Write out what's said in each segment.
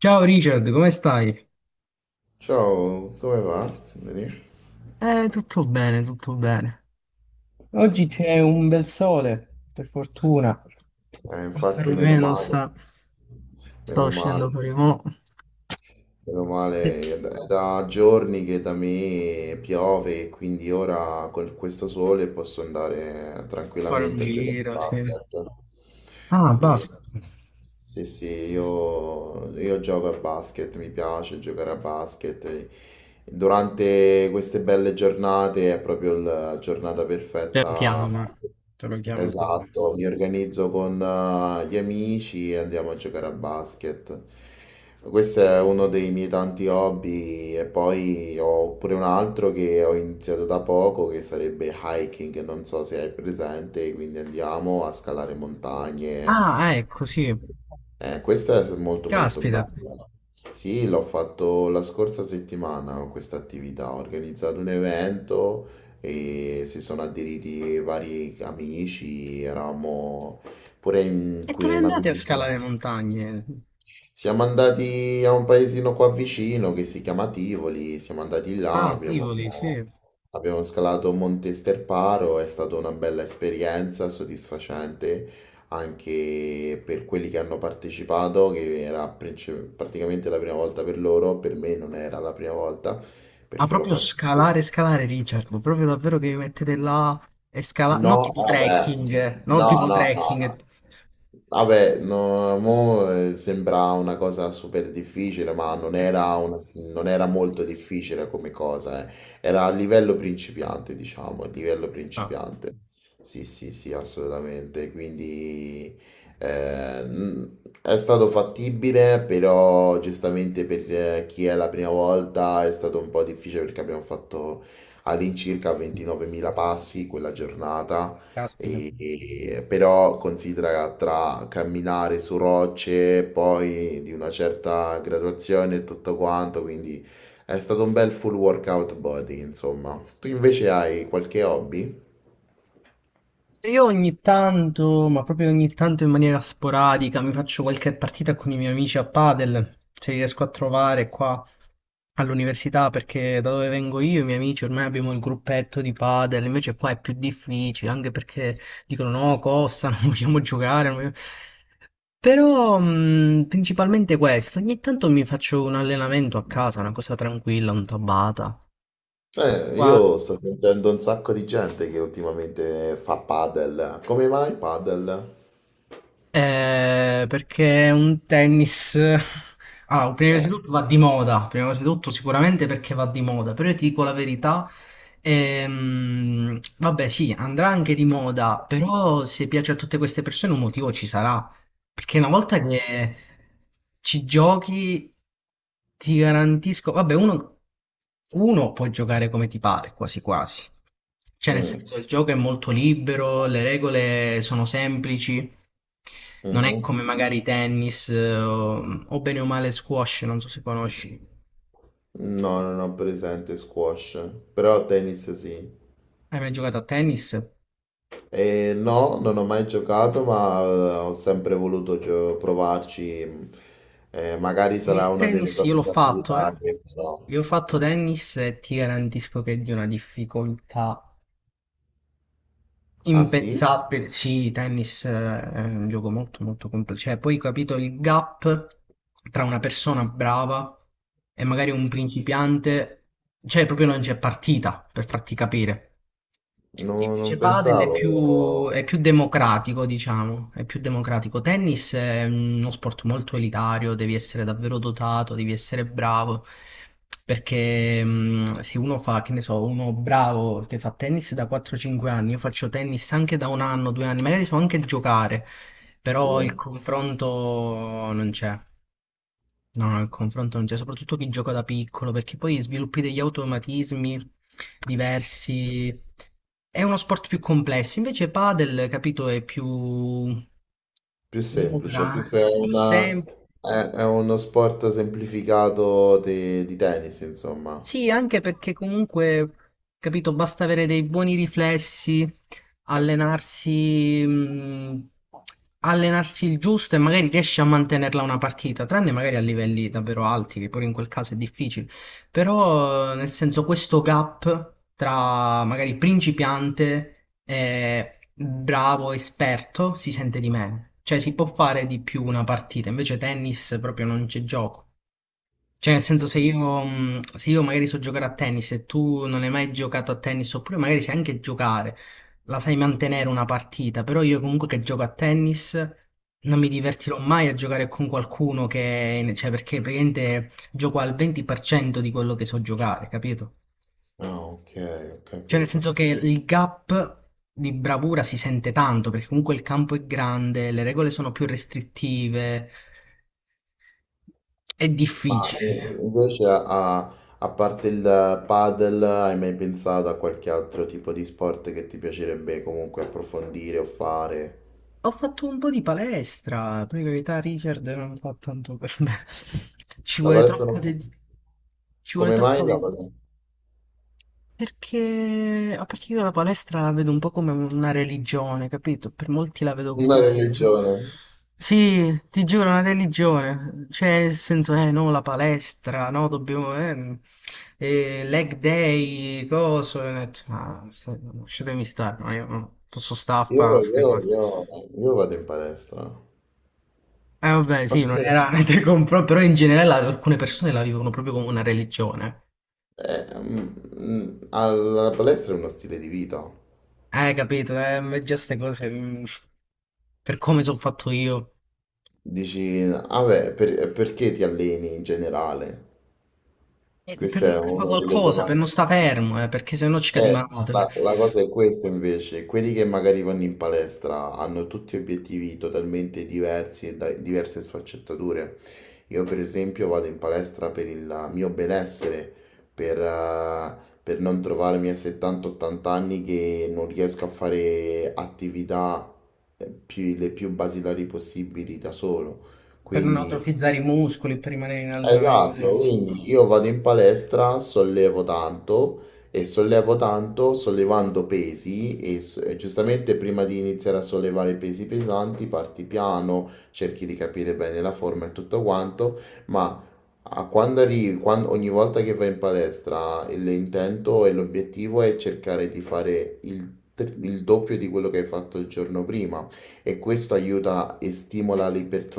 Ciao Richard, come stai? Ciao, come va? Bene? Tutto bene, tutto bene. Oggi c'è un bel sole, per fortuna. Infatti, meno Perlomeno male, sta... sto meno uscendo male. per i mo. Meno Sì. male, A è da giorni che da me piove e quindi ora con questo sole posso andare fare un tranquillamente a giocare a giro, sì. basket. Ah, Sì, basta. sì, sì, io gioco a basket, mi piace giocare a basket. Durante queste belle giornate è proprio la giornata Te lo perfetta. chiama. Te lo chiama proprio. Esatto, mi organizzo con gli amici e andiamo a giocare a basket. Questo è uno dei miei tanti hobby e poi ho pure un altro che ho iniziato da poco che sarebbe hiking, non so se hai presente, quindi andiamo a scalare montagne, Ah, ecco, sì. Questa è molto molto Caspita. bella. Sì, l'ho fatto la scorsa settimana questa attività, ho organizzato un evento e si sono aderiti vari amici, eravamo pure in E qui dove una andate a quindicina. scalare montagne? Siamo andati a un paesino qua vicino che si chiama Tivoli, siamo andati là, Ah, Tivoli, sì. abbiamo, Ma abbiamo scalato Monte Sterparo, è stata una bella esperienza, soddisfacente anche per quelli che hanno partecipato, che era praticamente la prima volta per loro, per me non era la prima volta perché lo proprio faccio spesso. scalare, scalare, Richard. Proprio davvero che vi mettete là e scalare. Non No, tipo vabbè, trekking, non no, tipo no, no, trekking. no. Vabbè, no, mo sembra una cosa super difficile, ma non era molto difficile come cosa, eh. Era a livello principiante, diciamo, a livello Ah. principiante. Sì, sì, sì, assolutamente. Quindi è stato fattibile, però giustamente per chi è la prima volta è stato un po' difficile perché abbiamo fatto all'incirca 29.000 passi quella giornata, Caspita. Però considera tra camminare su rocce, poi di una certa graduazione e tutto quanto, quindi è stato un bel full workout body, insomma. Tu invece hai qualche hobby? Io ogni tanto, ma proprio ogni tanto in maniera sporadica, mi faccio qualche partita con i miei amici a padel, se li riesco a trovare qua all'università, perché da dove vengo io, i miei amici, ormai abbiamo il gruppetto di padel, invece qua è più difficile, anche perché dicono no, costa, non vogliamo giocare. Non vogliamo-". Però principalmente questo, ogni tanto mi faccio un allenamento a casa, una cosa tranquilla, un tabata. Qua. Io sto sentendo un sacco di gente che ultimamente fa padel. Come mai padel? Perché è un tennis. Allora, prima di Eh, tutto va di moda, prima di tutto sicuramente perché va di moda, però io ti dico la verità, vabbè sì, andrà anche di moda, però se piace a tutte queste persone un motivo ci sarà, perché una volta che ci giochi ti garantisco, vabbè uno, uno può giocare come ti pare, quasi quasi, cioè nel mm, senso il gioco è molto libero, le regole sono semplici, non è mhm. come magari tennis o bene o male squash, non so se conosci. No, non ho presente squash, però tennis sì. Hai mai giocato a tennis? E no, non ho mai giocato, ma ho sempre voluto provarci. Magari sarà Il una delle tennis io l'ho prossime fatto, attività eh. che farò. Io ho fatto tennis e ti garantisco che è di una difficoltà Ah sì? impensabile. Sì, tennis è un gioco molto molto complesso. Cioè, poi ho capito il gap tra una persona brava e magari un principiante, cioè proprio non c'è partita per farti capire. Non Invece padel pensavo è più così. democratico, diciamo, è più democratico. Tennis è uno sport molto elitario, devi essere davvero dotato, devi essere bravo, perché se uno fa, che ne so, uno bravo che fa tennis da 4-5 anni, io faccio tennis anche da un anno, due anni, magari so anche giocare, però il Sì. confronto non c'è. No, no, il confronto non c'è, soprattutto chi gioca da piccolo, perché poi sviluppi degli automatismi diversi. È uno sport più complesso, invece padel, capito, è più Più semplice, più democratico, se è, più una- semplice. è uno sport semplificato di tennis, insomma. Sì, anche perché comunque, capito, basta avere dei buoni riflessi, allenarsi, allenarsi il giusto e magari riesci a mantenerla una partita, tranne magari a livelli davvero alti, che pure in quel caso è difficile. Però, nel senso, questo gap tra magari principiante e bravo esperto si sente di meno. Cioè, si può fare di più una partita, invece tennis proprio non c'è gioco. Cioè, nel senso, se io, se io magari so giocare a tennis e tu non hai mai giocato a tennis, oppure magari sai anche giocare, la sai mantenere una partita, però io comunque che gioco a tennis non mi divertirò mai a giocare con qualcuno che, cioè, perché praticamente gioco al 20% di quello che so giocare, capito? Ah, ok, ho Cioè, nel capito. senso che il gap di bravura si sente tanto, perché comunque il campo è grande, le regole sono più restrittive, è Ma eh, difficile. Invece a parte il padel, hai mai pensato a qualche altro tipo di sport che ti piacerebbe comunque approfondire o fare? Ho fatto un po' di palestra, per carità Richard non fa tanto per me. Ci La vuole palestra troppa non fa- dedizione. Ci vuole Come mai troppa la dedizione. palestra? Perché, a parte che io la palestra la vedo un po' come una religione, capito? Per molti la vedo come Una una religione. religione. Sì, ti giuro, una religione. Cioè, nel senso, no, la palestra, no, dobbiamo, leg day, coso. E ho detto, "Ma, lasciatemi stare, no, io no, posso stare a Io, fare queste io- cose. io- io vado in palestra. Vabbè, sì, non era niente compro, però in generale alcune persone la vivono proprio come una religione. Eh, mm, Alla palestra è uno stile di vita. Capito? Ma già ste cose, mm, per come sono fatto io. Dici, ah beh, perché ti alleni in generale? Questa è Per fare una delle qualcosa, per domande. non sta fermo, perché sennò ci cadi Eh, male, cioè, la, la cosa è questa invece, quelli che magari vanno in palestra hanno tutti obiettivi totalmente diversi e diverse sfaccettature. Io per esempio vado in palestra per il mio benessere, per, eh, per non trovarmi a 70-80 anni che non riesco a fare attività le più basilari possibili da solo. per non Quindi atrofizzare i muscoli, per rimanere in allenamento. esatto, Dici. quindi io vado in palestra, sollevo tanto e sollevo tanto sollevando pesi e giustamente prima di iniziare a sollevare pesi pesanti parti piano, cerchi di capire bene la forma e tutto quanto, ma a quando arrivi, ogni volta che vai in palestra l'intento e l'obiettivo è cercare di fare il doppio di quello che hai fatto il giorno prima e questo aiuta e stimola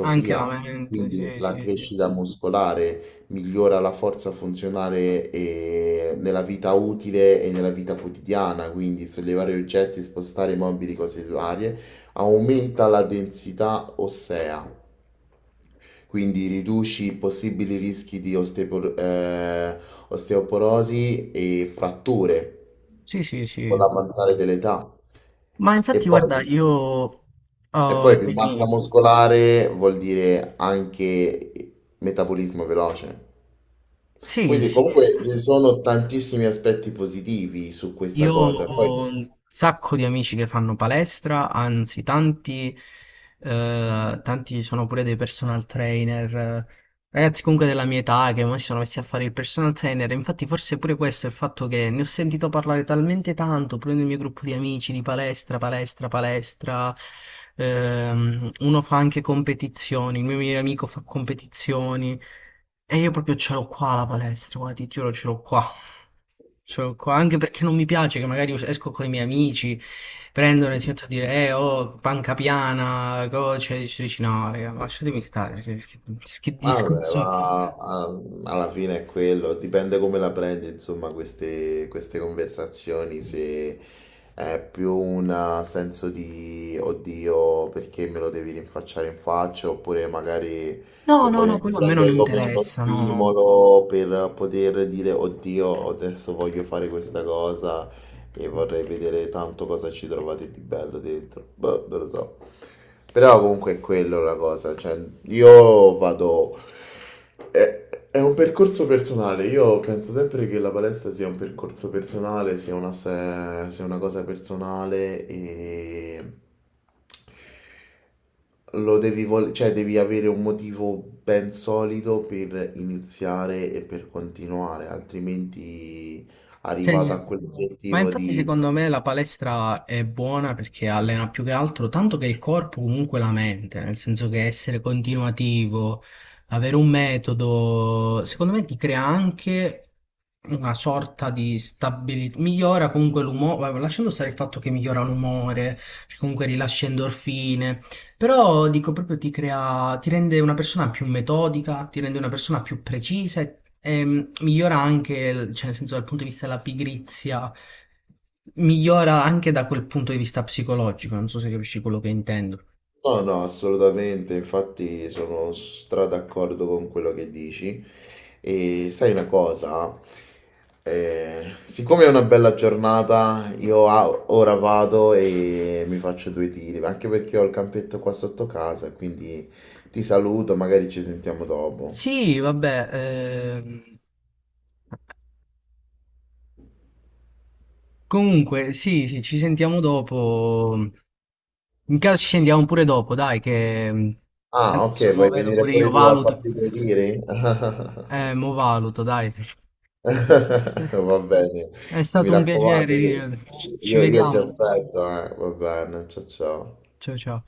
Anche la mente, quindi sì, la sì, sì. crescita muscolare migliora la forza funzionale nella vita utile e nella vita quotidiana, quindi sollevare oggetti, spostare mobili, cose varie, aumenta la densità ossea. Quindi riduci i possibili rischi di osteoporosi e fratture Sì, sì, con sì. l'avanzare dell'età. Ma E infatti, poi, guarda, io... e oh, poi più massa muscolare vuol dire anche metabolismo veloce. sì, Quindi sì. comunque ci sono tantissimi aspetti positivi su questa Io cosa. Poi, ho un sacco di amici che fanno palestra, anzi tanti, tanti sono pure dei personal trainer, ragazzi comunque della mia età che ormai si sono messi a fare il personal trainer, infatti forse pure questo è il fatto che ne ho sentito parlare talmente tanto, pure nel mio gruppo di amici di palestra, palestra, palestra, uno fa anche competizioni, il mio migliore amico fa competizioni e io proprio ce l'ho qua la palestra, guarda, ti giuro ce l'ho qua. Cioè, anche perché non mi piace che magari esco con i miei amici, prendono e si mettono a dire, oh, panca piana, cioè, dici, dici, no, raga, ma lasciatemi stare, perché che Ma vabbè, discorso è? ma ah, alla fine è quello, dipende come la prendi, insomma, queste, queste conversazioni, se è più un senso di oddio perché me lo devi rinfacciare in faccia, oppure magari No, lo no, puoi no, anche quello a me non prendere come uno interessa, no, no. stimolo per poter dire oddio, adesso voglio fare questa cosa e vorrei vedere tanto cosa ci trovate di bello dentro. Boh, non lo so. Però comunque è quello la cosa, cioè io vado... È, è un percorso personale, io penso sempre che la palestra sia un percorso personale, sia una, sia una cosa personale e lo devi cioè devi avere un motivo ben solido per iniziare e per continuare, altrimenti Se- arrivato a Ma quell'obiettivo infatti di... secondo me la palestra è buona perché allena più che altro tanto che il corpo comunque la mente, nel senso che essere continuativo, avere un metodo, secondo me ti crea anche una sorta di stabilità, migliora comunque l'umore, vabbè, lasciando stare il fatto che migliora l'umore, comunque rilascia endorfine, però dico proprio ti crea, ti rende una persona più metodica, ti rende una persona più precisa e migliora anche, cioè nel senso dal punto di vista della pigrizia, migliora anche da quel punto di vista psicologico, non so se capisci quello che intendo. No, no, assolutamente, infatti sono stra d'accordo con quello che dici. E sai una cosa? Siccome è una bella giornata, io ora vado e mi faccio due tiri, ma anche perché ho il campetto qua sotto casa, quindi ti saluto, magari ci sentiamo dopo. Sì, vabbè, ehm, comunque sì, sì, ci sentiamo dopo. In caso ci sentiamo pure dopo, dai, che mm, Ah, ok, adesso mo vuoi vedo venire pure io, pure tu a valuto. farti due tiri? Mo valuto, dai. Eh, Va bene, È mi stato un piacere, raccomando, Lilian. Ci io ti vediamo. aspetto, eh. Va bene, ciao ciao. Ciao ciao.